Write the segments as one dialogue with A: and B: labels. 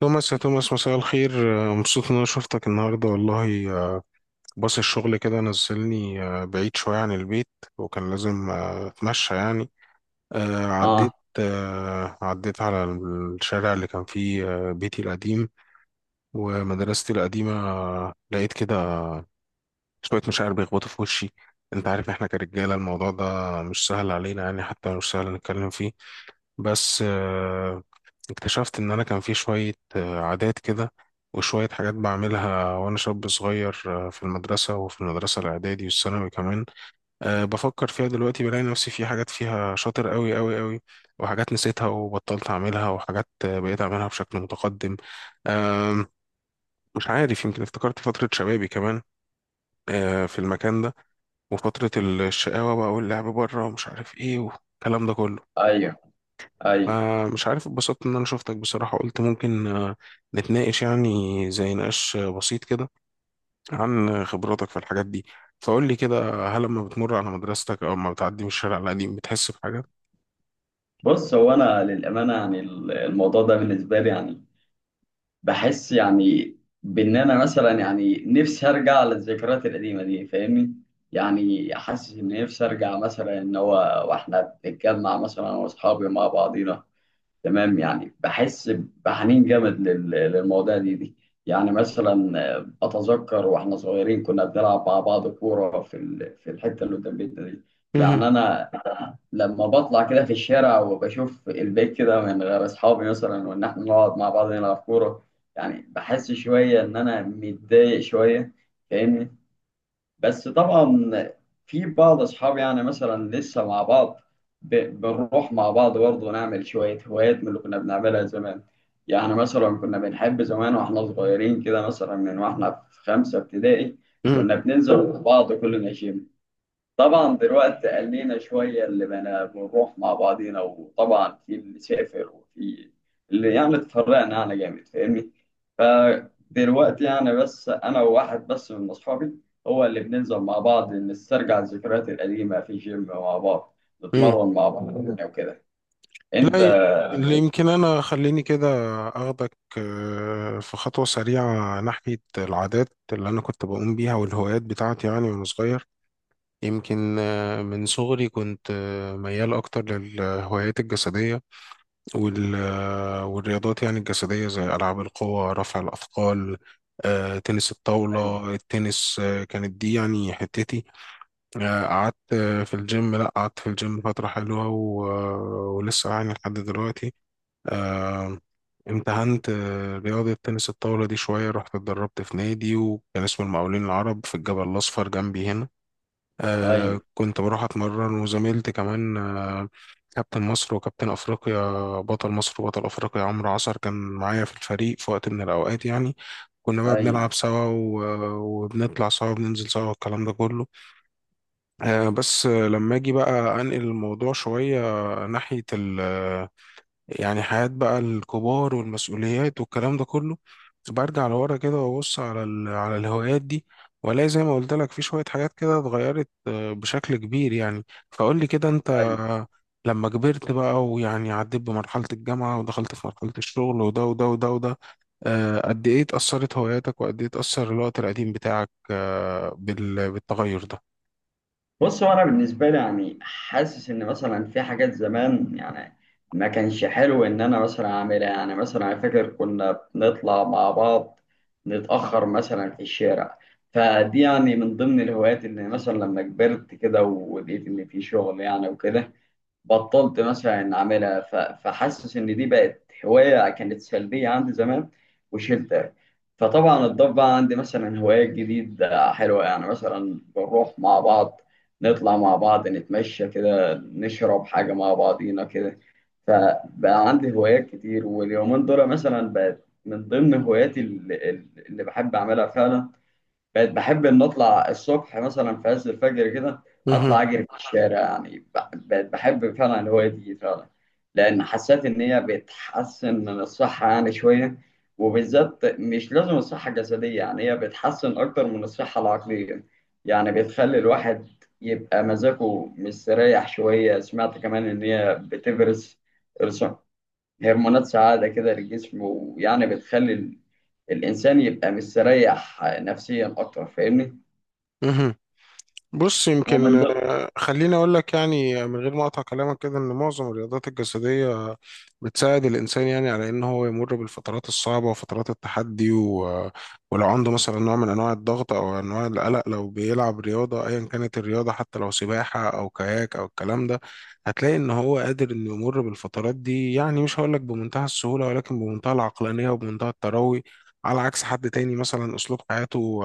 A: توماس يا توماس، مساء الخير. مبسوط ان انا شفتك النهارده والله. باص الشغل كده نزلني بعيد شويه عن البيت، وكان لازم اتمشى يعني. عديت
B: اه،
A: آه، عديت على الشارع اللي كان فيه بيتي القديم ومدرستي القديمه. لقيت كده شويه مشاعر بيخبطوا في وشي. انت عارف احنا كرجاله الموضوع ده مش سهل علينا، يعني حتى مش سهل نتكلم فيه. بس اكتشفت ان انا كان في شوية عادات كده، وشوية حاجات بعملها وانا شاب صغير في المدرسة، وفي المدرسة الاعدادي والثانوي كمان. بفكر فيها دلوقتي بلاقي نفسي في حاجات فيها شاطر قوي قوي قوي، وحاجات نسيتها وبطلت اعملها، وحاجات بقيت اعملها بشكل متقدم. أه مش عارف، يمكن افتكرت فترة شبابي كمان في المكان ده، وفترة الشقاوة بقى واللعب بره ومش عارف ايه والكلام ده كله.
B: ايوه، ايوه.
A: مش عارف، اتبسطت ان انا شفتك بصراحة. قلت ممكن نتناقش، يعني زي نقاش بسيط كده عن خبراتك في الحاجات دي. فقول لي كده، هل لما بتمر على مدرستك او لما بتعدي من الشارع القديم بتحس بحاجة؟
B: بص، هو انا للامانه يعني الموضوع ده بالنسبه لي يعني بحس يعني بان انا مثلا يعني نفسي ارجع للذكريات القديمه دي، فاهمني؟ يعني حاسس ان نفسي ارجع مثلا ان هو واحنا بنتجمع مثلا انا واصحابي مع بعضينا، تمام؟ يعني بحس بحنين جامد للمواضيع دي. يعني مثلا اتذكر واحنا صغيرين كنا بنلعب مع بعض كوره في في الحته اللي قدام بيتنا دي.
A: مهم.
B: يعني انا لما بطلع كده في الشارع وبشوف البيت كده من غير اصحابي، مثلا وان احنا نقعد مع بعض نلعب كوره، يعني بحس شويه ان انا متضايق شويه، فاهمني؟ بس طبعا في بعض اصحابي يعني مثلا لسه مع بعض، بنروح مع بعض برضه نعمل شويه هوايات من اللي كنا بنعملها زمان. يعني مثلا كنا بنحب زمان واحنا صغيرين كده، مثلا من واحنا في خمسه ابتدائي
A: مهم.
B: كنا بننزل مع بعض كلنا جيم. طبعا دلوقتي قلينا شوية اللي بنا بنروح مع بعضينا، وطبعا في اللي سافر وفي اللي يعني اتفرقنا يعني جامد، فاهمني؟ فدلوقتي يعني بس أنا وواحد بس من أصحابي هو اللي بننزل مع بعض، نسترجع الذكريات القديمة في جيم مع بعض،
A: مهم.
B: نتمرن مع بعض يعني وكده. أنت،
A: لا، اللي يمكن انا خليني كده اخدك في خطوة سريعة ناحية العادات اللي انا كنت بقوم بيها والهوايات بتاعتي، يعني وانا صغير. يمكن من صغري كنت ميال اكتر للهوايات الجسدية وال والرياضات، يعني الجسدية، زي ألعاب القوى، رفع الأثقال، تنس
B: أيوه،
A: الطاولة، التنس. كانت دي يعني حتتي. آه، قعدت آه، في الجيم لا قعدت في الجيم فترة حلوة، ولسه يعني لحد دلوقتي. آه، امتهنت رياضة تنس الطاولة دي شوية، رحت اتدربت في نادي، وكان اسمه المقاولين العرب في الجبل الأصفر جنبي هنا.
B: أيوه،
A: كنت بروح اتمرن، وزميلتي كمان، كابتن مصر وكابتن افريقيا، بطل مصر وبطل افريقيا، عمرو عصر، كان معايا في الفريق في وقت من الاوقات يعني. كنا بقى
B: أيوه،
A: بنلعب سوا، وبنطلع سوا وبننزل سوا والكلام ده كله. بس لما اجي بقى انقل الموضوع شوية ناحية يعني حياة بقى الكبار والمسؤوليات والكلام ده كله، برجع لورا كده وابص على على الهوايات دي، والاقي زي ما قلت لك في شوية حاجات كده اتغيرت بشكل كبير يعني. فقول لي كده، انت
B: أيوه.
A: لما كبرت بقى ويعني عديت بمرحلة الجامعة ودخلت في مرحلة الشغل وده وده وده وده، قد ايه اتأثرت هواياتك، وقد ايه اتأثر الوقت القديم بتاعك بالتغير ده؟
B: بص، هو انا بالنسبه لي يعني حاسس ان مثلا في حاجات زمان يعني ما كانش حلو ان انا مثلا اعملها. يعني مثلا انا فاكر كنا بنطلع مع بعض نتاخر مثلا في الشارع، فدي يعني من ضمن الهوايات اللي مثلا لما كبرت كده ولقيت ان في شغل يعني وكده، بطلت مثلا ان اعملها. فحاسس ان دي بقت هوايه كانت سلبيه عندي زمان، وشلتها. فطبعا اتضاف بقى عندي مثلا هوايات جديده حلوه، يعني مثلا بنروح مع بعض، نطلع مع بعض، نتمشى كده، نشرب حاجه مع بعضينا كده. فبقى عندي هوايات كتير، واليومين دول مثلا بقت من ضمن هواياتي اللي بحب اعملها فعلا. بقيت بحب ان اطلع الصبح مثلا في عز الفجر كده،
A: مهم.
B: اطلع اجري في الشارع. بقيت بحب فعلا الهوايه دي فعلا، لان حسيت ان هي بتحسن من الصحه يعني شويه. وبالذات مش لازم الصحه الجسديه، يعني هي بتحسن اكتر من الصحه العقليه. يعني بتخلي الواحد يبقى مزاجه مستريح شويه. سمعت كمان ان هي بتفرز هرمونات سعاده كده للجسم، ويعني بتخلي الانسان يبقى مستريح نفسيا اكتر، فاهمني؟
A: مهم. بص،
B: ومن
A: يمكن
B: ده،
A: خليني أقول لك، يعني من غير ما أقطع كلامك كده، إن معظم الرياضات الجسدية بتساعد الإنسان يعني على إن هو يمر بالفترات الصعبة وفترات التحدي. ولو عنده مثلا نوع من أنواع الضغط أو أنواع القلق، لو بيلعب رياضة أيا كانت الرياضة، حتى لو سباحة أو كاياك أو الكلام ده، هتلاقي إن هو قادر إنه يمر بالفترات دي، يعني مش هقول لك بمنتهى السهولة، ولكن بمنتهى العقلانية وبمنتهى التروي، على عكس حد تاني مثلا أسلوب حياته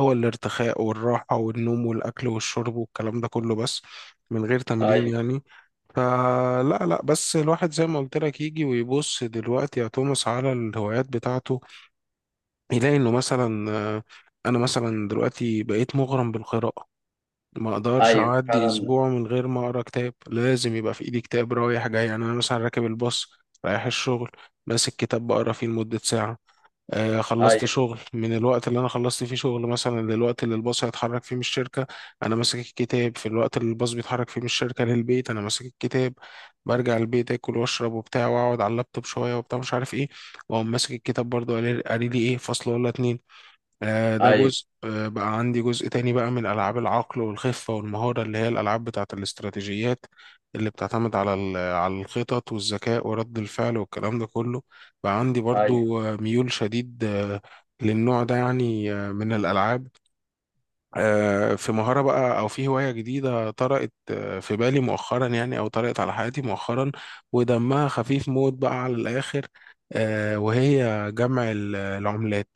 A: هو الارتخاء والراحة والنوم والأكل والشرب والكلام ده كله بس، من غير تمرين
B: ايوه،
A: يعني. فلا لا، بس الواحد زي ما قلت لك يجي ويبص دلوقتي يا توماس على الهوايات بتاعته، يلاقي إنه مثلا، أنا مثلا دلوقتي بقيت مغرم بالقراءة. ما أقدرش
B: ايوه
A: أعدي
B: فعلا،
A: أسبوع من غير ما أقرأ كتاب. لازم يبقى في إيدي كتاب رايح جاي، يعني أنا مثلا راكب الباص رايح الشغل ماسك كتاب بقرا فيه لمدة ساعة. خلصت
B: ايوه،
A: شغل، من الوقت اللي انا خلصت فيه شغل مثلا للوقت اللي الباص هيتحرك فيه من الشركه، انا ماسك الكتاب. في الوقت اللي الباص بيتحرك فيه من الشركه للبيت، انا ماسك الكتاب. برجع البيت، اكل واشرب وبتاع، واقعد على اللابتوب شويه وبتاع، مش عارف ايه، واقوم ماسك الكتاب برضه قاري قاري لي ايه فصل ولا اتنين. ده
B: ايوه،
A: جزء. بقى عندي جزء تاني بقى من ألعاب العقل والخفة والمهارة، اللي هي الألعاب بتاعة الاستراتيجيات، اللي بتعتمد على على الخطط والذكاء ورد الفعل والكلام ده كله. بقى عندي
B: ايوه،
A: برضو ميول شديد للنوع ده، يعني من الألعاب. في مهارة بقى، أو في هواية جديدة طرقت في بالي مؤخرا، يعني أو طرقت على حياتي مؤخرا، ودمها خفيف موت بقى على الآخر، وهي جمع العملات.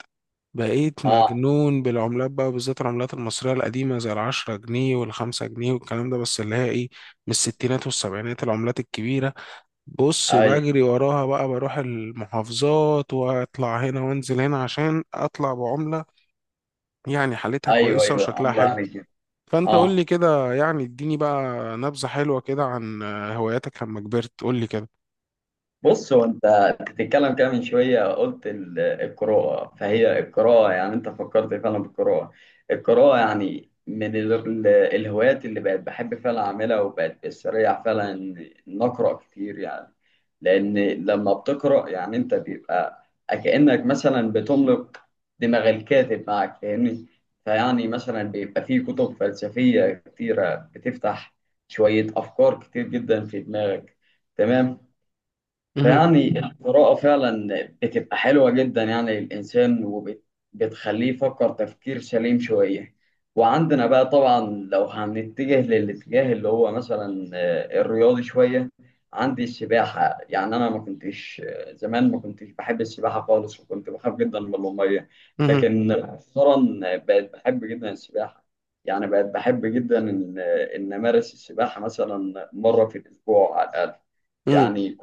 A: بقيت
B: اه،
A: مجنون بالعملات بقى، بالذات العملات المصرية القديمة زي العشرة جنيه والخمسة جنيه والكلام ده، بس اللي هي إيه، من الستينات والسبعينات، العملات الكبيرة. بص،
B: ايوه،
A: بجري وراها بقى، بروح المحافظات وأطلع هنا وأنزل هنا عشان أطلع بعملة يعني حالتها
B: ايوه،
A: كويسة
B: ايوه،
A: وشكلها
B: عمرو
A: حلو.
B: عليك.
A: فانت قول
B: اه،
A: لي كده، يعني اديني بقى نبذة حلوة كده عن هواياتك لما كبرت. قول لي كده.
B: بص، هو أنت بتتكلم كده من شويه قلت القراءه. فهي القراءه يعني انت فكرت فعلا بالقراءه. القراءه يعني من الهوايات اللي بقت بحب فعلا اعملها، وبقت بستريح فعلا ان إن اقرا كتير يعني. لان لما بتقرا يعني انت بيبقى كانك مثلا بتملك دماغ الكاتب معك، فاهمني؟ فيعني مثلا بيبقى في كتب فلسفيه كتيره بتفتح شويه افكار كتير جدا في دماغك، تمام؟
A: مهم،
B: فيعني القراءة فعلا بتبقى حلوة جدا يعني للإنسان، وبتخليه يفكر تفكير سليم شوية. وعندنا بقى طبعا، لو هنتجه للاتجاه اللي هو مثلا الرياضي شوية، عندي السباحة. يعني أنا ما كنتش زمان ما كنتش بحب السباحة خالص، وكنت بخاف جدا من المية.
A: مهم،
B: لكن مؤخرا بقيت بحب جدا السباحة. يعني بقيت بحب جدا إن إن أمارس السباحة مثلا مرة في الأسبوع على الأقل.
A: مم،
B: يعني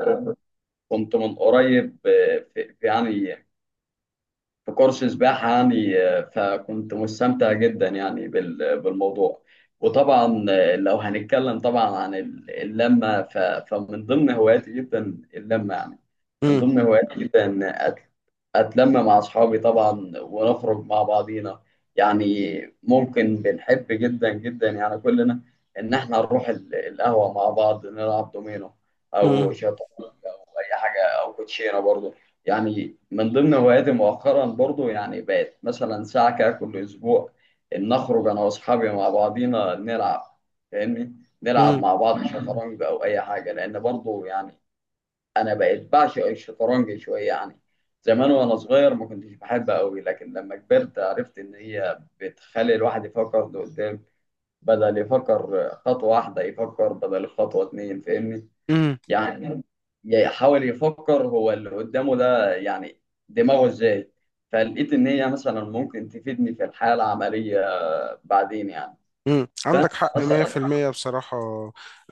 B: كنت من قريب في يعني في كورس سباحة يعني فكنت مستمتع جدا يعني بالموضوع. وطبعا لو هنتكلم طبعا عن اللمة، فمن ضمن هواياتي جدا اللمة يعني. من
A: مم،
B: ضمن هواياتي جدا إن أتلم مع أصحابي طبعا، ونخرج مع بعضينا. يعني ممكن بنحب جدا جدا يعني كلنا إن إحنا نروح القهوة مع بعض، نلعب دومينو أو
A: مم،
B: شطرنج أو أي حاجة أو كوتشينة برضه. يعني من ضمن هواياتي مؤخرا برضو يعني بقت مثلا ساعة كده كل أسبوع إن أخرج أنا وأصحابي مع بعضينا نلعب، فاهمني؟ نلعب
A: مم،
B: مع بعض شطرنج أو أي حاجة، لأن برضو يعني أنا بقيت بعشق الشطرنج شوية. يعني زمان وأنا صغير ما كنتش بحبها أوي، لكن لما كبرت عرفت إن هي بتخلي الواحد يفكر لقدام، بدل يفكر خطوة واحدة يفكر بدل خطوة 2، فاهمني؟
A: مم.
B: يعني يحاول يفكر هو اللي قدامه ده يعني دماغه ازاي. فلقيت ان هي مثلا ممكن تفيدني في الحياه العمليه بعدين يعني. فانت
A: عندك حق
B: مثلا،
A: 100%. بصراحة،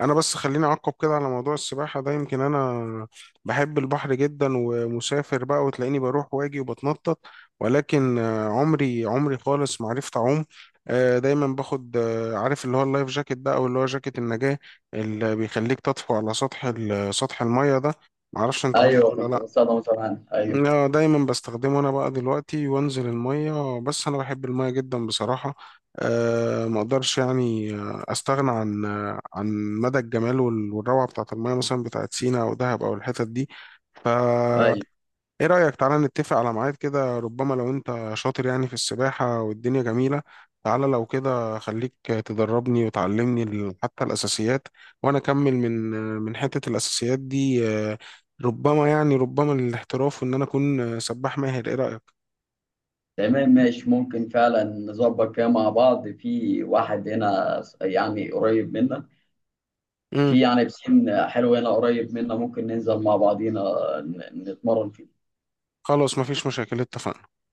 A: أنا بس خليني أعقب كده على موضوع السباحة ده. يمكن أنا بحب البحر جدا، ومسافر بقى وتلاقيني بروح واجي وبتنطط، ولكن عمري عمري خالص ما عرفت أعوم. دايما باخد، عارف اللي هو اللايف جاكيت ده، أو اللي هو جاكيت النجاة، اللي بيخليك تطفو على سطح سطح المية ده. معرفش، أنت عارفه
B: ايوه،
A: ولا
B: كنت
A: لأ؟
B: بستخدمه زمان، ايوه،
A: لا، دايما بستخدمه انا بقى دلوقتي وانزل المية، بس انا بحب المية جدا بصراحة. ما اقدرش يعني استغنى عن مدى الجمال والروعة بتاعت المية، مثلا بتاعت سينا او دهب او الحتت دي. ف
B: ايوه، طيب.
A: ايه رأيك، تعالى نتفق على ميعاد كده، ربما لو انت شاطر يعني في السباحة والدنيا جميلة، تعالى لو كده خليك تدربني وتعلمني حتى الأساسيات، وانا اكمل من حتة الأساسيات دي، ربما يعني ربما للاحتراف، وان انا اكون سباح ماهر. ايه رأيك؟
B: تمام، ماشي، ممكن فعلا نظبط كده مع بعض. في واحد هنا يعني قريب منا،
A: امم
B: في يعني بسين حلو هنا قريب منا، ممكن ننزل مع بعضينا نتمرن.
A: خلاص، مفيش مشاكل، اتفقنا.